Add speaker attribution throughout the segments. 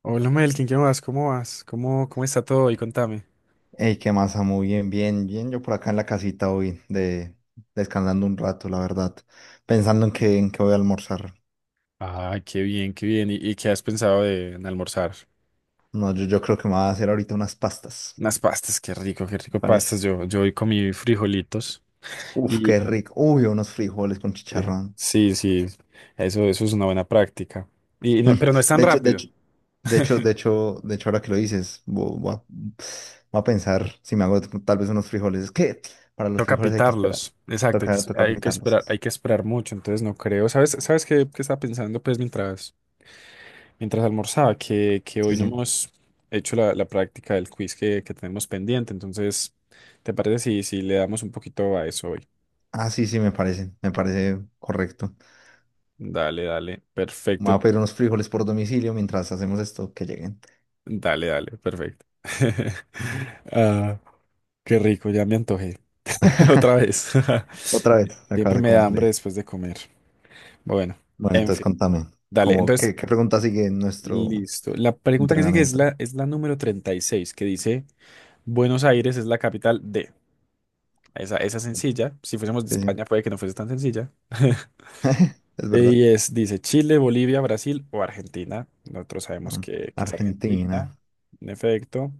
Speaker 1: Hola Melkin, ¿qué más? ¿Cómo vas? ¿Cómo está todo? Y contame.
Speaker 2: Ey, qué masa, muy bien, bien, bien. Yo por acá en la casita hoy, descansando un rato, la verdad. Pensando en qué voy a almorzar.
Speaker 1: Ah, qué bien, qué bien. ¿Y qué has pensado de, en almorzar?
Speaker 2: No, yo creo que me voy a hacer ahorita unas pastas,
Speaker 1: Unas pastas, qué
Speaker 2: me
Speaker 1: rico pastas.
Speaker 2: parece.
Speaker 1: Yo hoy comí frijolitos
Speaker 2: Uf,
Speaker 1: y
Speaker 2: qué rico. Uy, unos frijoles con chicharrón.
Speaker 1: sí, sí, eso es una buena práctica. Y,
Speaker 2: Mm,
Speaker 1: pero no es tan
Speaker 2: De hecho, de
Speaker 1: rápido.
Speaker 2: hecho, de hecho, de hecho, de hecho, ahora que lo dices, voy a pensar si me hago tal vez unos frijoles. Es que para los
Speaker 1: Toca
Speaker 2: frijoles hay que esperar.
Speaker 1: pitarlos. Exacto,
Speaker 2: Toca pitarlos.
Speaker 1: hay que esperar mucho. Entonces no creo. ¿Sabes, sabes qué, qué estaba pensando pues mientras mientras almorzaba que hoy
Speaker 2: Sí,
Speaker 1: no
Speaker 2: sí.
Speaker 1: hemos hecho la práctica del quiz que tenemos pendiente. Entonces, ¿te parece si le damos un poquito a eso hoy?
Speaker 2: Ah, sí, sí, me parece correcto.
Speaker 1: Dale, dale.
Speaker 2: Me
Speaker 1: Perfecto.
Speaker 2: voy a pedir
Speaker 1: Entonces,
Speaker 2: unos frijoles por domicilio mientras hacemos esto, que lleguen.
Speaker 1: dale, dale. Perfecto. Ah, qué rico, ya me antojé. Otra vez.
Speaker 2: Otra vez, acabas
Speaker 1: Siempre
Speaker 2: de
Speaker 1: me da
Speaker 2: comer,
Speaker 1: hambre
Speaker 2: Ley.
Speaker 1: después de comer. Bueno,
Speaker 2: Bueno,
Speaker 1: en
Speaker 2: entonces
Speaker 1: fin.
Speaker 2: contame,
Speaker 1: Dale,
Speaker 2: ¿cómo,
Speaker 1: entonces,
Speaker 2: qué, qué pregunta sigue en nuestro
Speaker 1: listo. La pregunta que sigue es
Speaker 2: entrenamiento?
Speaker 1: es la número 36, que dice, Buenos Aires es la capital de... Esa es sencilla. Si fuésemos de
Speaker 2: Sí, sí,
Speaker 1: España, puede que no fuese tan sencilla.
Speaker 2: es verdad.
Speaker 1: Y es, dice Chile, Bolivia, Brasil o Argentina. Nosotros sabemos
Speaker 2: No.
Speaker 1: que es
Speaker 2: Argentina,
Speaker 1: Argentina, en efecto.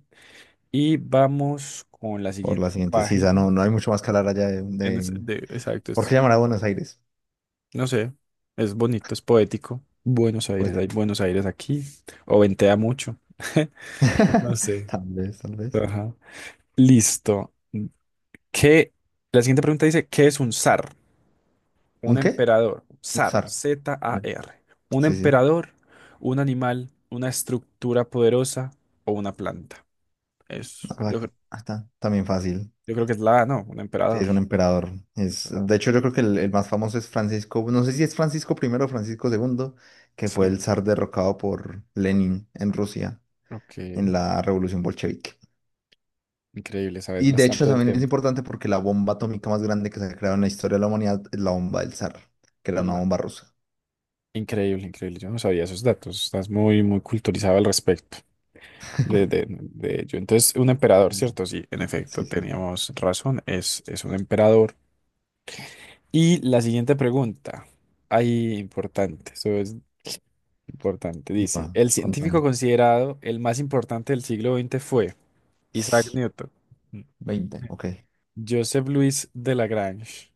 Speaker 1: Y vamos con la
Speaker 2: por la
Speaker 1: siguiente
Speaker 2: siguiente. Sí, ya
Speaker 1: página.
Speaker 2: no, no hay mucho más que hablar allá de, de-
Speaker 1: Exacto,
Speaker 2: ¿Por qué llamar a Buenos Aires?
Speaker 1: no sé, es bonito, es poético. Buenos Aires,
Speaker 2: Puede.
Speaker 1: hay Buenos Aires aquí. O ventea mucho. No sé.
Speaker 2: Tal vez, tal vez.
Speaker 1: Ajá. Listo. ¿Qué? La siguiente pregunta dice, ¿qué es un zar? Un
Speaker 2: ¿Un qué?
Speaker 1: emperador,
Speaker 2: Un
Speaker 1: zar,
Speaker 2: zar. Ya.
Speaker 1: Z-A-R. Un
Speaker 2: Sí, sí,
Speaker 1: emperador, un animal, una estructura poderosa o una planta.
Speaker 2: una
Speaker 1: Es, yo,
Speaker 2: placa.
Speaker 1: cre-
Speaker 2: Ah, está, también fácil.
Speaker 1: yo creo que es la A, ¿no? Un
Speaker 2: Sí,
Speaker 1: emperador.
Speaker 2: es un emperador.
Speaker 1: Un
Speaker 2: Es,
Speaker 1: emperador.
Speaker 2: de hecho, yo creo que el más famoso es Francisco, no sé si es Francisco primero o Francisco segundo, que fue
Speaker 1: Sí,
Speaker 2: el zar derrocado por Lenin en Rusia
Speaker 1: ok.
Speaker 2: en la Revolución Bolchevique.
Speaker 1: Increíble, sabes
Speaker 2: Y de hecho
Speaker 1: bastante del
Speaker 2: también es
Speaker 1: tema.
Speaker 2: importante porque la bomba atómica más grande que se ha creado en la historia de la humanidad es la bomba del zar, que era una
Speaker 1: La-
Speaker 2: bomba rusa.
Speaker 1: Increíble, increíble. Yo no sabía esos datos. Estás muy, muy culturizado al respecto de ello. Entonces, un emperador,
Speaker 2: Ujú.
Speaker 1: ¿cierto? Sí, en
Speaker 2: Sí,
Speaker 1: efecto,
Speaker 2: sí.
Speaker 1: teníamos razón. Es un emperador. Y la siguiente pregunta, ahí importante, eso es importante,
Speaker 2: Sí. Va,
Speaker 1: dice, el científico
Speaker 2: contame.
Speaker 1: considerado el más importante del siglo XX fue Isaac Newton,
Speaker 2: 20, ok.
Speaker 1: Joseph Louis de Lagrange,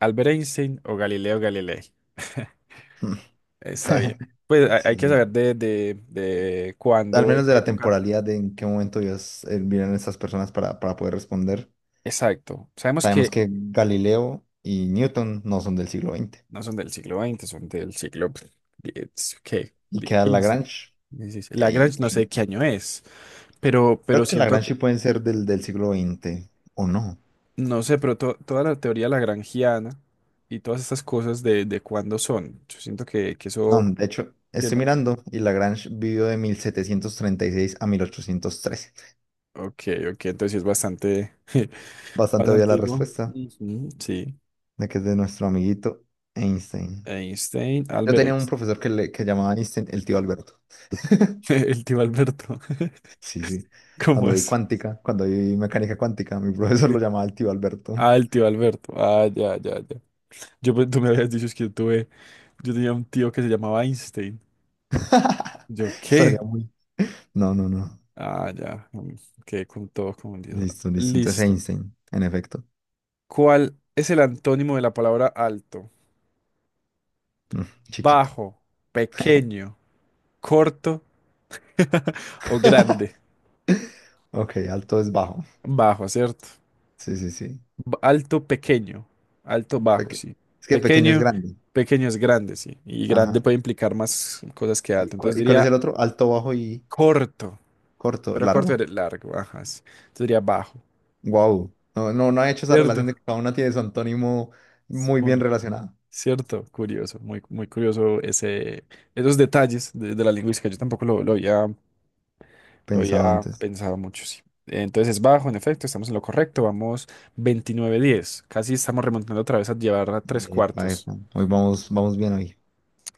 Speaker 1: Albert Einstein o Galileo Galilei. Está bien. Pues hay
Speaker 2: Sí,
Speaker 1: que
Speaker 2: sí.
Speaker 1: saber de
Speaker 2: Al
Speaker 1: cuándo, de
Speaker 2: menos de
Speaker 1: qué
Speaker 2: la
Speaker 1: época.
Speaker 2: temporalidad de en qué momento Dios vienen estas personas para poder responder.
Speaker 1: Exacto. Sabemos
Speaker 2: Sabemos
Speaker 1: que
Speaker 2: que Galileo y Newton no son del siglo veinte
Speaker 1: no son del siglo XX, son del siglo X, ¿qué?
Speaker 2: y queda
Speaker 1: Quince
Speaker 2: Lagrange.
Speaker 1: 15.
Speaker 2: Ey,
Speaker 1: Lagrange no
Speaker 2: ey,
Speaker 1: sé qué año es, pero
Speaker 2: creo que
Speaker 1: siento
Speaker 2: Lagrange sí
Speaker 1: que
Speaker 2: pueden ser del siglo veinte o no.
Speaker 1: no sé, pero toda la teoría lagrangiana y todas estas cosas de cuándo son, yo siento que
Speaker 2: No,
Speaker 1: eso
Speaker 2: de hecho, estoy
Speaker 1: tiene...
Speaker 2: mirando y Lagrange vivió de 1736 a 1813.
Speaker 1: Ok, ok, entonces sí es bastante,
Speaker 2: Bastante obvia
Speaker 1: bastante
Speaker 2: la
Speaker 1: antiguo.
Speaker 2: respuesta
Speaker 1: Ujú, sí,
Speaker 2: de que es de nuestro amiguito Einstein.
Speaker 1: Einstein,
Speaker 2: Yo
Speaker 1: Albert
Speaker 2: tenía un
Speaker 1: Einstein,
Speaker 2: profesor que, que llamaba Einstein el tío Alberto.
Speaker 1: el tío Alberto,
Speaker 2: Sí, sí.
Speaker 1: ¿cómo es?
Speaker 2: Cuando vi mecánica cuántica, mi profesor lo
Speaker 1: Sí.
Speaker 2: llamaba el tío Alberto.
Speaker 1: Ah, el tío Alberto, ah, ya, ya, ya. Yo, tú me habías dicho es que yo tuve, yo tenía un tío que se llamaba Einstein. ¿Yo
Speaker 2: Sería
Speaker 1: qué?
Speaker 2: muy... No, no, no.
Speaker 1: Ah, ya, mm, quedé con todo confundido.
Speaker 2: Listo, listo. Entonces
Speaker 1: Listo.
Speaker 2: Einstein, en efecto.
Speaker 1: ¿Cuál es el antónimo de la palabra alto?
Speaker 2: Mm, chiquito.
Speaker 1: Bajo, pequeño, corto o grande.
Speaker 2: Ok, alto es bajo.
Speaker 1: Bajo, ¿cierto?
Speaker 2: Sí, sí, sí.
Speaker 1: Alto, pequeño. Alto, bajo,
Speaker 2: Peque-
Speaker 1: sí.
Speaker 2: es que pequeño es
Speaker 1: Pequeño,
Speaker 2: grande.
Speaker 1: pequeño es grande, sí. Y grande
Speaker 2: Ajá.
Speaker 1: puede implicar más cosas que
Speaker 2: ¿Y
Speaker 1: alto. Entonces
Speaker 2: cuál, y cuál es
Speaker 1: diría
Speaker 2: el otro? Alto, bajo y
Speaker 1: corto,
Speaker 2: corto,
Speaker 1: pero corto
Speaker 2: largo.
Speaker 1: es largo, ajá. Sí. Entonces diría bajo,
Speaker 2: Wow. No, no, no he hecho esa
Speaker 1: ¿cierto?
Speaker 2: relación de que cada una tiene su antónimo muy bien
Speaker 1: Un-
Speaker 2: relacionado.
Speaker 1: ¿Cierto? Curioso, muy, muy curioso ese, esos detalles de la lingüística. Yo tampoco lo había. Lo
Speaker 2: Pensado
Speaker 1: había
Speaker 2: antes.
Speaker 1: pensado mucho, sí. Entonces es bajo, en efecto, estamos en lo correcto. Vamos 29-10. Casi estamos remontando otra vez a llevar a tres
Speaker 2: Epa,
Speaker 1: cuartos.
Speaker 2: epa. Hoy vamos, vamos bien hoy.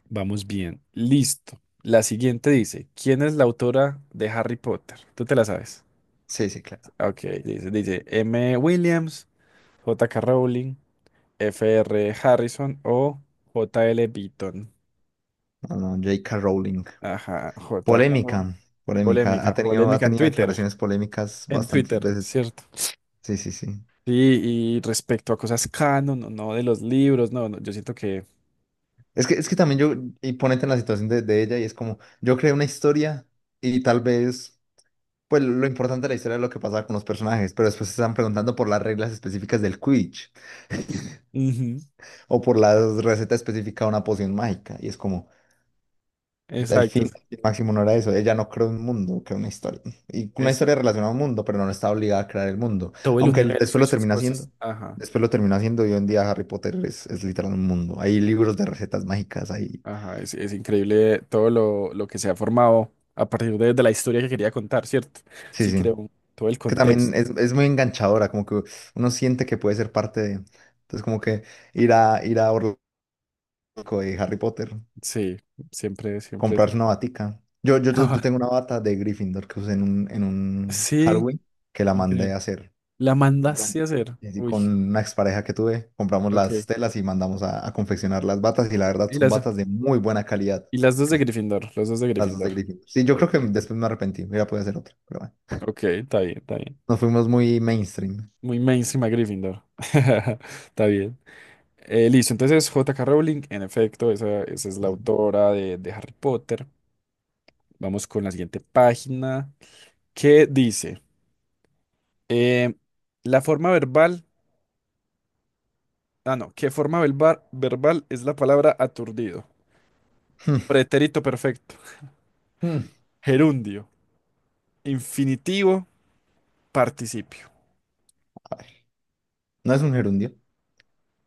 Speaker 1: Vamos bien. Listo. La siguiente dice, ¿quién es la autora de Harry Potter? Tú te la sabes.
Speaker 2: Sí, sí, claro.
Speaker 1: Ok, dice M. Williams, J J.K. Rowling, F R Harrison o J L Beaton.
Speaker 2: No, no, J.K. Rowling.
Speaker 1: Ajá, J.K. Rowling.
Speaker 2: Polémica, polémica.
Speaker 1: Polémica,
Speaker 2: Ha
Speaker 1: polémica en
Speaker 2: tenido
Speaker 1: Twitter.
Speaker 2: declaraciones polémicas
Speaker 1: En
Speaker 2: bastantes
Speaker 1: Twitter,
Speaker 2: veces.
Speaker 1: ¿cierto?
Speaker 2: Sí, sí, sí.
Speaker 1: Sí, y respecto a cosas canon, no, no de los libros, no, no, yo siento que...
Speaker 2: Es que también yo, y ponete en la situación de ella, y es como, yo creé una historia, y tal vez, pues lo importante de la historia es lo que pasaba con los personajes, pero después se están preguntando por las reglas específicas del Quidditch,
Speaker 1: Ujú,
Speaker 2: o por la receta específica de una poción mágica, y es como, el
Speaker 1: exacto,
Speaker 2: fin máximo no era eso, ella no creó un mundo, creó una historia, y una
Speaker 1: es
Speaker 2: historia relacionada a un mundo, pero no está obligada a crear el mundo,
Speaker 1: todo el
Speaker 2: aunque él
Speaker 1: universo
Speaker 2: después
Speaker 1: y
Speaker 2: lo
Speaker 1: sus
Speaker 2: termina
Speaker 1: cosas.
Speaker 2: haciendo,
Speaker 1: Ajá,
Speaker 2: después lo termina haciendo, y hoy en día Harry Potter es literal un mundo, hay libros de recetas mágicas, hay,
Speaker 1: ajá, es increíble todo lo que se ha formado a partir de la historia que quería contar, ¿cierto?
Speaker 2: sí,
Speaker 1: Sí,
Speaker 2: sí.
Speaker 1: creo, todo el
Speaker 2: Que también
Speaker 1: contexto.
Speaker 2: es muy enganchadora, como que uno siente que puede ser parte de. Entonces, como que ir a Orlando de Harry Potter,
Speaker 1: Sí, siempre, siempre.
Speaker 2: comprarse una batica. Yo, yo, yo
Speaker 1: Ajá,
Speaker 2: tengo una bata de Gryffindor que usé en un
Speaker 1: sí,
Speaker 2: Halloween que la mandé
Speaker 1: increíble.
Speaker 2: a hacer.
Speaker 1: La
Speaker 2: Compramos-
Speaker 1: mandaste a hacer.
Speaker 2: y así con
Speaker 1: Uy,
Speaker 2: una expareja que tuve, compramos
Speaker 1: ok.
Speaker 2: las telas y mandamos a confeccionar las batas. Y la verdad
Speaker 1: Y
Speaker 2: son
Speaker 1: las,
Speaker 2: batas de muy buena calidad,
Speaker 1: y las dos de Gryffindor, los dos de
Speaker 2: las dos de
Speaker 1: Gryffindor.
Speaker 2: Gryffindor. Sí, yo creo
Speaker 1: Ok,
Speaker 2: que después me arrepentí, hubiera podido hacer otra, pero bueno.
Speaker 1: ok, está bien, está bien.
Speaker 2: Nos fuimos muy mainstream.
Speaker 1: Muy mainstream a Gryffindor. Está bien. Listo, entonces J K Rowling, en efecto, esa es la
Speaker 2: Sí.
Speaker 1: autora de Harry Potter. Vamos con la siguiente página qué dice, eh, la forma verbal, ah no, ¿qué forma verbal es la palabra aturdido? Pretérito perfecto,
Speaker 2: Hmm.
Speaker 1: gerundio, infinitivo, participio.
Speaker 2: A ver, no es un gerundio.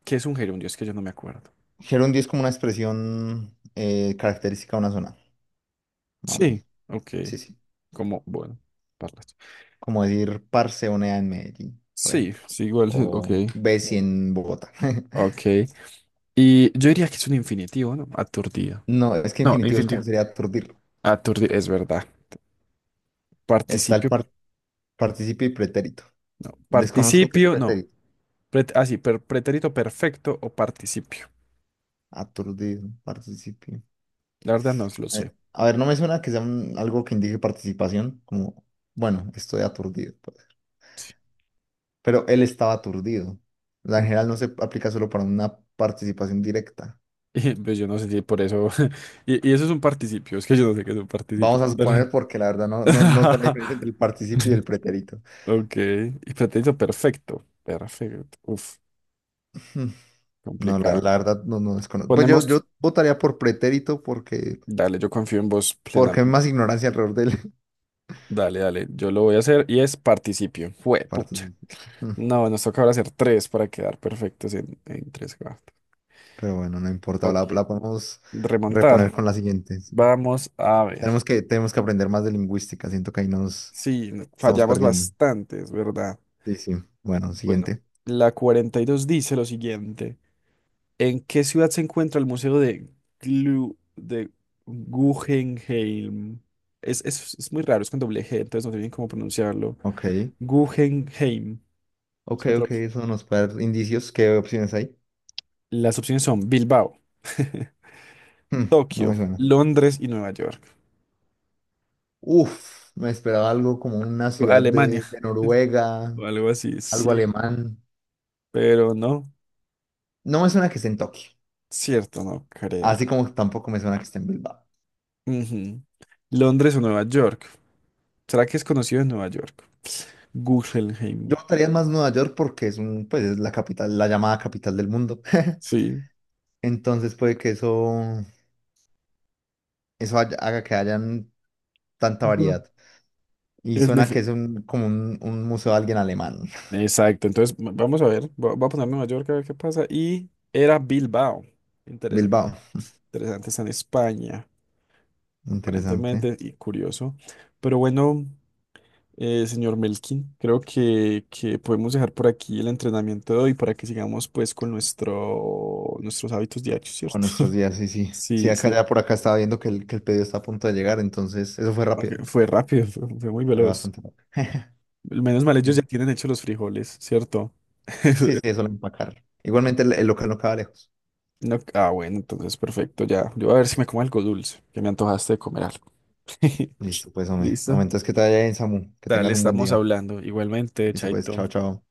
Speaker 1: ¿Qué es un gerundio? Es que yo no me acuerdo.
Speaker 2: Gerundio es como una expresión característica de una zona, más o
Speaker 1: Sí,
Speaker 2: menos.
Speaker 1: ok,
Speaker 2: Sí, sí.
Speaker 1: como, bueno, parlas.
Speaker 2: Como decir parceonea en Medellín, por
Speaker 1: Sí,
Speaker 2: ejemplo.
Speaker 1: sí, igual, ok.
Speaker 2: O besi en Bogotá.
Speaker 1: Ok. Y yo diría que es un infinitivo, ¿no? Aturdido.
Speaker 2: No, es que
Speaker 1: No,
Speaker 2: infinitivo es
Speaker 1: infinitivo.
Speaker 2: como sería aturdirlo.
Speaker 1: Aturdido, es verdad.
Speaker 2: Está el
Speaker 1: Participio,
Speaker 2: par- Participio y pretérito.
Speaker 1: no.
Speaker 2: Desconozco qué es
Speaker 1: Participio, no.
Speaker 2: pretérito.
Speaker 1: Ah, sí, pretérito perfecto o participio.
Speaker 2: Aturdido, participio.
Speaker 1: La verdad no lo sé.
Speaker 2: A ver, no me suena que sea algo que indique participación, como, bueno, estoy aturdido. Puede ser.
Speaker 1: Sí.
Speaker 2: Pero él estaba aturdido. La
Speaker 1: Ujú.
Speaker 2: general no se aplica solo para una participación directa.
Speaker 1: Y, pues yo no sé si por eso. Y eso es un participio. Es que yo no sé qué es un participio.
Speaker 2: Vamos a
Speaker 1: Dale.
Speaker 2: suponer porque la verdad no sé la diferencia entre el participio y el pretérito.
Speaker 1: Ok. Y pretérito perfecto. Perfecto. Uf,
Speaker 2: Hmm, no, la,
Speaker 1: complicado.
Speaker 2: la verdad no, no desconozco. Pues yo
Speaker 1: Ponemos.
Speaker 2: votaría por pretérito porque,
Speaker 1: Dale, yo confío en vos
Speaker 2: porque hay más
Speaker 1: plenamente.
Speaker 2: ignorancia alrededor del
Speaker 1: Dale, dale. Yo lo voy a hacer y es participio. Fue,
Speaker 2: participio. Hmm,
Speaker 1: no, nos toca ahora hacer tres para quedar perfectos en tres cuartos.
Speaker 2: pero bueno, no importa,
Speaker 1: Ok,
Speaker 2: la podemos
Speaker 1: remontar.
Speaker 2: reponer con la siguiente. Sí.
Speaker 1: Vamos a ver.
Speaker 2: Tenemos que aprender más de lingüística, siento que ahí nos
Speaker 1: Sí,
Speaker 2: estamos
Speaker 1: fallamos
Speaker 2: perdiendo.
Speaker 1: bastante, es verdad.
Speaker 2: Sí, sí. Bueno,
Speaker 1: Bueno,
Speaker 2: siguiente.
Speaker 1: la 42 dice lo siguiente. ¿En qué ciudad se encuentra el Museo de Glu- de Guggenheim? Es muy raro, es con doble G, entonces no sé bien cómo pronunciarlo.
Speaker 2: Ok,
Speaker 1: Guggenheim. Es otra
Speaker 2: ok,
Speaker 1: opción.
Speaker 2: eso nos puede dar indicios. ¿Qué opciones hay?
Speaker 1: Las opciones son Bilbao,
Speaker 2: Hmm, no me
Speaker 1: Tokio,
Speaker 2: suena.
Speaker 1: Londres y Nueva York.
Speaker 2: Uf, me esperaba algo como una ciudad de,
Speaker 1: Alemania.
Speaker 2: de Noruega,
Speaker 1: O algo así,
Speaker 2: algo
Speaker 1: sí,
Speaker 2: alemán.
Speaker 1: pero no,
Speaker 2: No me suena que esté en Tokio,
Speaker 1: cierto, no creo.
Speaker 2: así como tampoco me suena que esté en Bilbao.
Speaker 1: Ujú. Londres o Nueva York. ¿Será que es conocido en Nueva York? Guggenheim,
Speaker 2: Yo estaría más Nueva York porque es un, pues es la capital, la llamada capital del mundo.
Speaker 1: sí.
Speaker 2: Entonces puede que eso, haga que hayan tanta variedad.
Speaker 1: Ujú.
Speaker 2: Y
Speaker 1: Es
Speaker 2: suena que
Speaker 1: nefe-
Speaker 2: es un, como un museo de alguien alemán.
Speaker 1: Exacto, entonces vamos a ver, voy a poner Nueva York a ver qué pasa. Y era Bilbao, interesante,
Speaker 2: Bilbao.
Speaker 1: interesante, está en España,
Speaker 2: Interesante.
Speaker 1: aparentemente, y curioso. Pero bueno, eh, señor Melkin, creo que podemos dejar por aquí el entrenamiento de hoy para que sigamos pues con nuestro, nuestros hábitos diarios,
Speaker 2: Con
Speaker 1: ¿cierto?
Speaker 2: nuestros días, sí, sí. Sí,
Speaker 1: Sí,
Speaker 2: acá
Speaker 1: sí.
Speaker 2: ya por acá estaba viendo que el pedido está a punto de llegar, entonces eso fue
Speaker 1: Ok,
Speaker 2: rápido.
Speaker 1: fue rápido, fue muy
Speaker 2: Fue
Speaker 1: veloz.
Speaker 2: bastante rápido.
Speaker 1: Menos mal ellos
Speaker 2: Sí,
Speaker 1: ya tienen hechos los frijoles, ¿cierto?
Speaker 2: sí, sí, solo empacar. Igualmente el local no queda lejos.
Speaker 1: No, ah, bueno, entonces perfecto, ya. Yo voy a ver si me como algo dulce, que me antojaste de comer algo.
Speaker 2: Listo, pues, hombre.
Speaker 1: Listo.
Speaker 2: Aumentas que te vaya bien, Samu. Que
Speaker 1: Dale,
Speaker 2: tengas un buen
Speaker 1: estamos
Speaker 2: día.
Speaker 1: hablando. Igualmente,
Speaker 2: Listo, pues,
Speaker 1: Chaito.
Speaker 2: chao, chao.